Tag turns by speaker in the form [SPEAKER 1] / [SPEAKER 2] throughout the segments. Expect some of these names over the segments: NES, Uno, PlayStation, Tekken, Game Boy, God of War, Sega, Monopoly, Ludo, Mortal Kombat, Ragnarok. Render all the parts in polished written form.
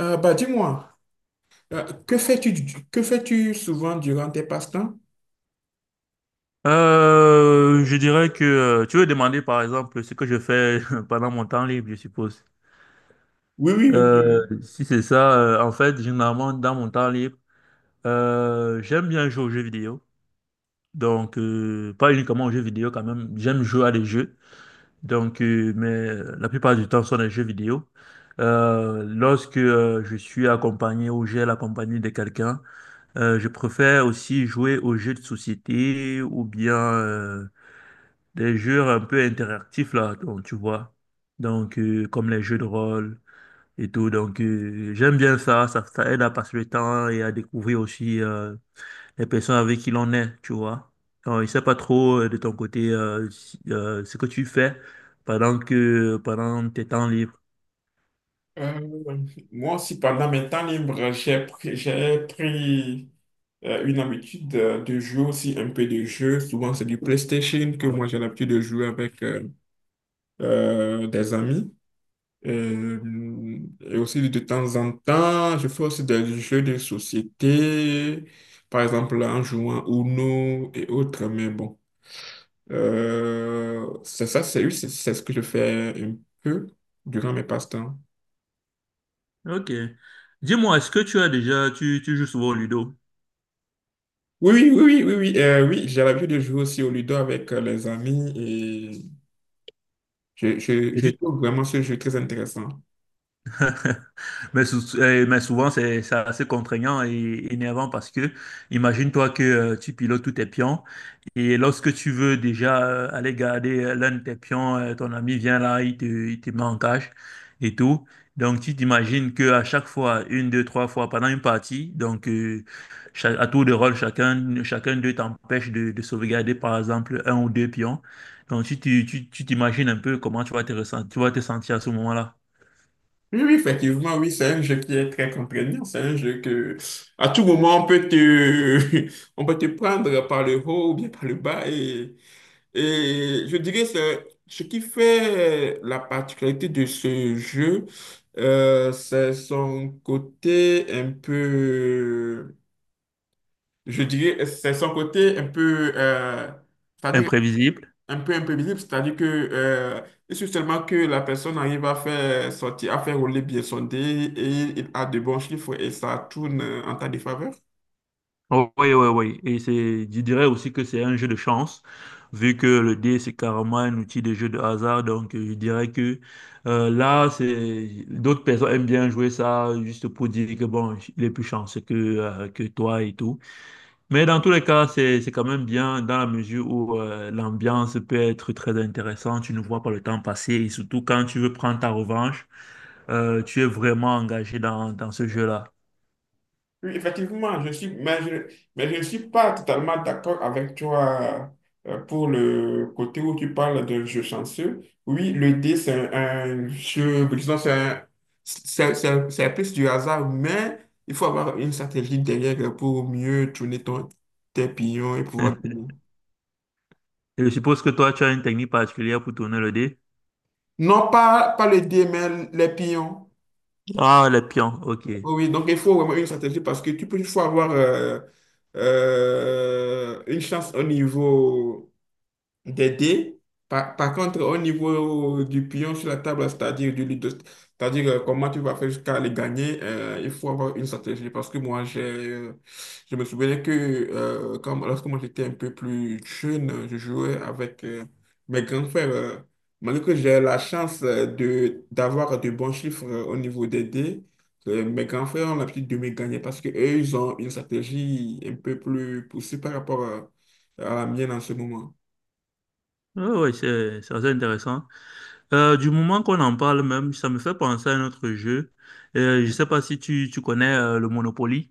[SPEAKER 1] Dis-moi, que fais-tu, que fais-tu souvent durant tes passe-temps?
[SPEAKER 2] Je dirais que tu veux demander par exemple ce que je fais pendant mon temps libre, je suppose.
[SPEAKER 1] Oui, oui, oui, oui, oui.
[SPEAKER 2] Si c'est ça, en fait, généralement dans mon temps libre, j'aime bien jouer aux jeux vidéo. Donc, pas uniquement aux jeux vidéo quand même, j'aime jouer à des jeux. Donc, mais la plupart du temps, ce sont des jeux vidéo. Lorsque je suis accompagné ou j'ai la compagnie de quelqu'un, je préfère aussi jouer aux jeux de société ou bien des jeux un peu interactifs là, donc tu vois. Donc comme les jeux de rôle et tout. Donc j'aime bien ça, ça aide à passer le temps et à découvrir aussi les personnes avec qui l'on est, tu vois. Donc, je sais pas trop de ton côté ce que tu fais pendant tes temps libres.
[SPEAKER 1] Euh, Moi aussi, pendant mes temps libres, j'ai pris une habitude de jouer aussi un peu de jeux. Souvent, c'est du PlayStation que moi j'ai l'habitude de jouer avec des amis. Euh, Et aussi, de temps en temps, je fais aussi des jeux de société, par exemple en jouant Uno et autres. Mais bon. C'est ça, c'est oui, c'est ce que je fais un peu durant mes passe-temps.
[SPEAKER 2] Ok. Dis-moi, est-ce que tu as déjà tu joues souvent au Ludo?
[SPEAKER 1] Oui, oui, oui, oui, oui, oui, oui, j'ai l'habitude de jouer aussi au Ludo avec les amis et
[SPEAKER 2] Et
[SPEAKER 1] je
[SPEAKER 2] tu
[SPEAKER 1] trouve vraiment ce jeu très intéressant.
[SPEAKER 2] Mais souvent, c'est assez contraignant et énervant parce que imagine-toi que tu pilotes tous tes pions et lorsque tu veux déjà aller garder l'un de tes pions, ton ami vient là, il te met en cage et tout. Donc, tu t'imagines qu'à chaque fois, une, deux, trois fois pendant une partie, donc à tour de rôle, chacun d'eux t'empêche de sauvegarder par exemple un ou deux pions. Donc, tu t'imagines un peu comment tu vas te ressentir, tu vas te sentir à ce moment-là.
[SPEAKER 1] Oui, oui, effectivement, oui, c'est un jeu qui est très contraignant. C'est un jeu que, à tout moment, on peut te, on peut te prendre par le haut ou bien par le bas. Et je dirais, c'est ce qui fait la particularité de ce jeu, c'est son côté un peu, je dirais, c'est son côté un peu, c'est-à-dire
[SPEAKER 2] Imprévisible.
[SPEAKER 1] un peu imprévisible, c'est-à-dire que il suffit seulement que la personne arrive à faire sortir, à faire rouler bien son dé et il a de bons chiffres et ça tourne en ta défaveur.
[SPEAKER 2] Oh, oui, oui, oui. Et c'est, je dirais aussi que c'est un jeu de chance, vu que le dé, c'est carrément un outil de jeu de hasard. Donc, je dirais que là, c'est d'autres personnes aiment bien jouer ça juste pour dire que, bon, il est plus chanceux que toi et tout. Mais dans tous les cas, c'est quand même bien dans la mesure où l'ambiance peut être très intéressante. Tu ne vois pas le temps passer et surtout quand tu veux prendre ta revanche, tu es vraiment engagé dans ce jeu-là.
[SPEAKER 1] Oui, effectivement, je suis, mais je ne suis pas totalement d'accord avec toi pour le côté où tu parles de jeu chanceux. Oui, le dé, un jeu, disons, c'est un- c'est plus du hasard, mais il faut avoir une stratégie derrière pour mieux tourner tes pions et pouvoir gagner.
[SPEAKER 2] Et je suppose que toi, tu as une technique particulière pour tourner le dé.
[SPEAKER 1] Non, pas le dé, mais les pions.
[SPEAKER 2] Ah, les pions, ok.
[SPEAKER 1] Oui, oui, donc il faut vraiment une stratégie parce que tu peux, il faut avoir une chance au niveau des dés. Par contre, au niveau du pion sur la table, c'est-à-dire du ludo, c'est-à-dire comment tu vas faire jusqu'à les gagner, il faut avoir une stratégie. Parce que moi, je me souvenais que lorsque moi j'étais un peu plus jeune, je jouais avec mes grands frères. Malgré que j'ai la chance d'avoir de bons chiffres au niveau des dés, mes grands frères ont l'habitude de me gagner parce qu'eux, ils ont une stratégie un peu plus poussée par rapport à la mienne en ce moment.
[SPEAKER 2] Oui, c'est assez intéressant. Du moment qu'on en parle même, ça me fait penser à un autre jeu. Je ne sais pas si tu connais le Monopoly.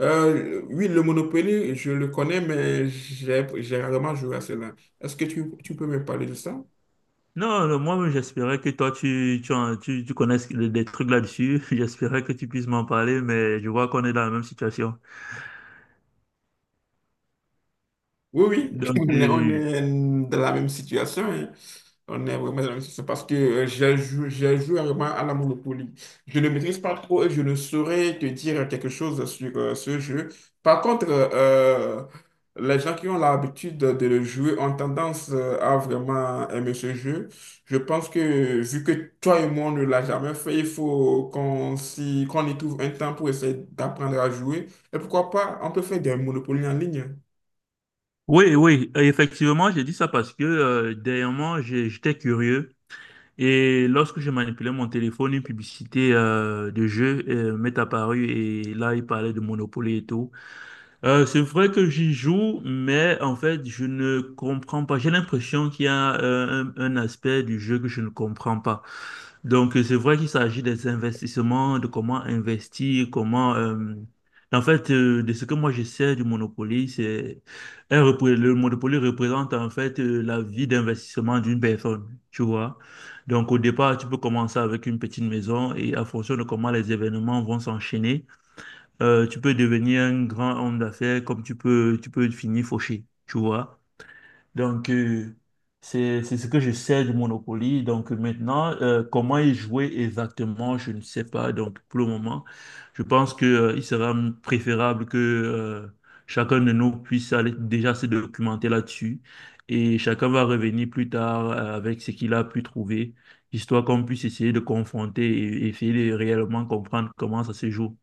[SPEAKER 1] Oui, le Monopoly, je le connais, mais j'ai rarement joué à cela. Est-ce que tu peux me parler de ça?
[SPEAKER 2] Non, non, moi, j'espérais que toi, tu connaisses des trucs là-dessus. J'espérais que tu puisses m'en parler, mais je vois qu'on est dans la même situation.
[SPEAKER 1] Oui, oui,
[SPEAKER 2] Donc,
[SPEAKER 1] on est dans la même situation, hein. On est vraiment dans la même situation parce que j'ai joué vraiment à la Monopoly. Je ne maîtrise pas trop et je ne saurais te dire quelque chose sur ce jeu. Par contre, les gens qui ont l'habitude de le jouer ont tendance à vraiment aimer ce jeu. Je pense que vu que toi et moi, on ne l'a jamais fait, il faut qu'on y trouve un temps pour essayer d'apprendre à jouer. Et pourquoi pas, on peut faire des Monopoly en ligne.
[SPEAKER 2] oui, oui, effectivement, j'ai dit ça parce que dernièrement, j'étais curieux. Et lorsque je manipulais mon téléphone, une publicité de jeu m'est apparue et là, il parlait de Monopoly et tout. C'est vrai que j'y joue, mais en fait, je ne comprends pas. J'ai l'impression qu'il y a un aspect du jeu que je ne comprends pas. Donc, c'est vrai qu'il s'agit des investissements, de comment investir, en fait, de ce que moi je sais du Monopoly, c'est. Le Monopoly représente en fait la vie d'investissement d'une personne, tu vois. Donc, au départ, tu peux commencer avec une petite maison et à fonction de comment les événements vont s'enchaîner, tu peux devenir un grand homme d'affaires comme tu peux finir fauché, tu vois. Donc, c'est ce que je sais du Monopoly. Donc, maintenant, comment y jouer exactement, je ne sais pas. Donc, pour le moment, je pense que, il sera préférable que, chacun de nous puisse aller déjà se documenter là-dessus. Et chacun va revenir plus tard avec ce qu'il a pu trouver, histoire qu'on puisse essayer de confronter et essayer de réellement comprendre comment ça se joue.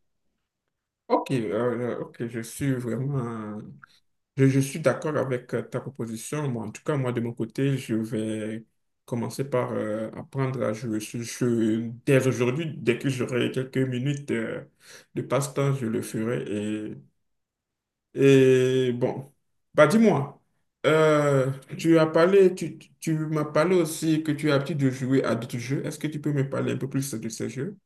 [SPEAKER 1] Ok, je suis vraiment, je suis d'accord avec ta proposition. Moi, en tout cas, moi, de mon côté, je vais commencer par apprendre à jouer ce jeu dès aujourd'hui. Dès que j'aurai quelques minutes de passe-temps, je le ferai et bon, bah dis-moi, euh, tu as parlé, tu m'as parlé aussi que tu as l'habitude de jouer à d'autres jeux. Est-ce que tu peux me parler un peu plus de ces jeux?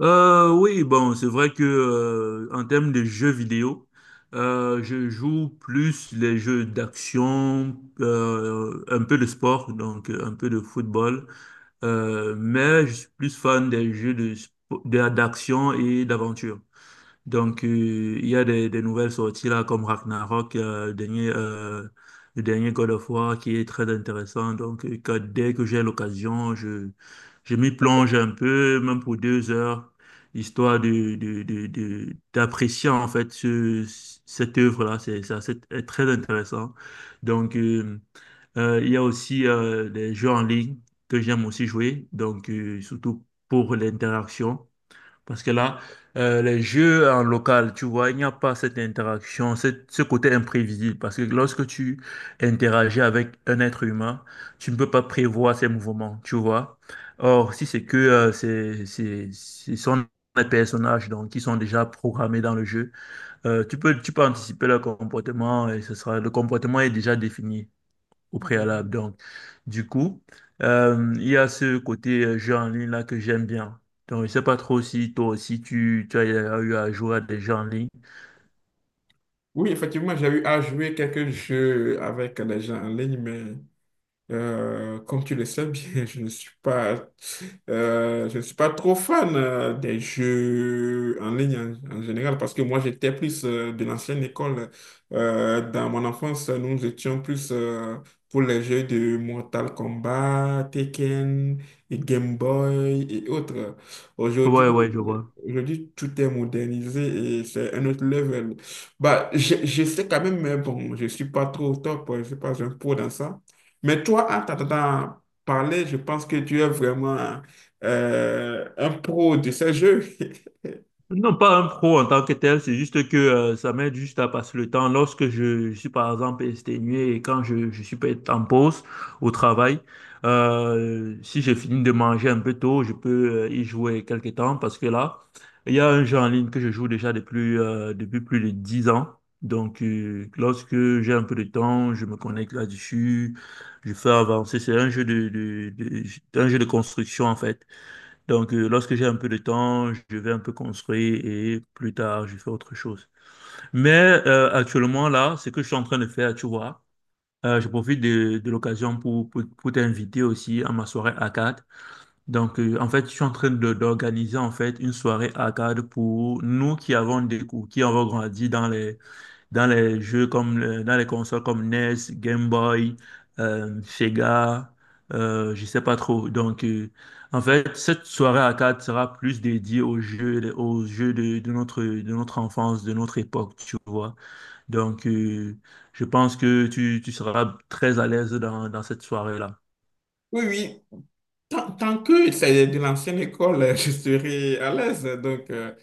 [SPEAKER 2] Oui, bon, c'est vrai que en termes de jeux vidéo, je joue plus les jeux d'action, un peu de sport, donc un peu de football, mais je suis plus fan des jeux d'action et d'aventure. Donc, il y a des nouvelles sorties là, comme Ragnarok, le dernier God of War qui est très intéressant. Donc, dès que j'ai l'occasion, je m'y plonge un peu, même pour 2 heures, histoire d'apprécier en fait cette œuvre-là. Est très intéressant. Donc, il y a aussi des jeux en ligne que j'aime aussi jouer, donc surtout pour l'interaction. Parce que là, les jeux en local, tu vois, il n'y a pas cette interaction, ce côté imprévisible. Parce que lorsque tu interagis avec un être humain, tu ne peux pas prévoir ses mouvements, tu vois. Or, si c'est que ce sont des personnages donc, qui sont déjà programmés dans le jeu, tu peux anticiper leur comportement et le comportement est déjà défini au préalable. Donc, du coup, il y a ce côté jeu en ligne là que j'aime bien. Donc, je sais pas trop si toi aussi tu as eu à jouer à des jeux en ligne.
[SPEAKER 1] Oui, effectivement, j'ai eu à jouer quelques jeux avec des gens en ligne, mais comme tu le sais bien, je ne suis pas trop fan des jeux en ligne en général parce que moi j'étais plus de l'ancienne école. Dans mon enfance, nous étions plus pour les jeux de Mortal Kombat, Tekken, et Game Boy et autres. Aujourd'hui,
[SPEAKER 2] Ouais, ouais, je vois.
[SPEAKER 1] Aujourd'hui tout est modernisé et c'est un autre level. Je sais quand même, mais bon, je ne suis pas trop au top, je ne suis pas un pro dans ça. Mais toi, en t'entendant parler, je pense que tu es vraiment un pro de ces jeux.
[SPEAKER 2] Non, pas un pro en tant que tel, c'est juste que ça m'aide juste à passer le temps. Lorsque je suis par exemple exténué et quand je suis peut-être en pause au travail, si j'ai fini de manger un peu tôt, je peux y jouer quelques temps parce que là, il y a un jeu en ligne que je joue déjà depuis plus de 10 ans. Donc, lorsque j'ai un peu de temps, je me connecte là-dessus, je fais avancer. C'est un jeu un jeu de construction en fait. Donc, lorsque j'ai un peu de temps, je vais un peu construire et plus tard, je fais autre chose. Mais actuellement, là, ce que je suis en train de faire, tu vois, je profite de l'occasion pour t'inviter aussi à ma soirée arcade. Donc, en fait, je suis en train d'organiser en fait une soirée arcade pour nous qui avons grandi dans les jeux dans les consoles comme NES, Game Boy, Sega, je sais pas trop. Donc, en fait, cette soirée arcade sera plus dédiée aux jeux de notre enfance, de notre époque, tu vois. Donc, je pense que tu seras très à l'aise dans cette soirée-là.
[SPEAKER 1] Oui, oui. Tant que c'est de l'ancienne école, je serai à l'aise. Donc, euh,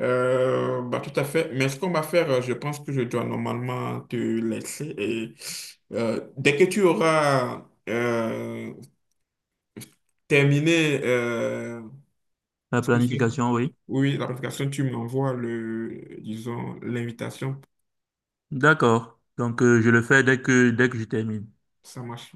[SPEAKER 1] euh, bah, Tout à fait. Mais ce qu'on va faire, je pense que je dois normalement te laisser. Et dès que tu auras terminé
[SPEAKER 2] La
[SPEAKER 1] ce que c'est-
[SPEAKER 2] planification, oui.
[SPEAKER 1] oui, l'application, tu m'envoies le, disons, l'invitation.
[SPEAKER 2] D'accord. Donc, je le fais dès que je termine.
[SPEAKER 1] Ça marche.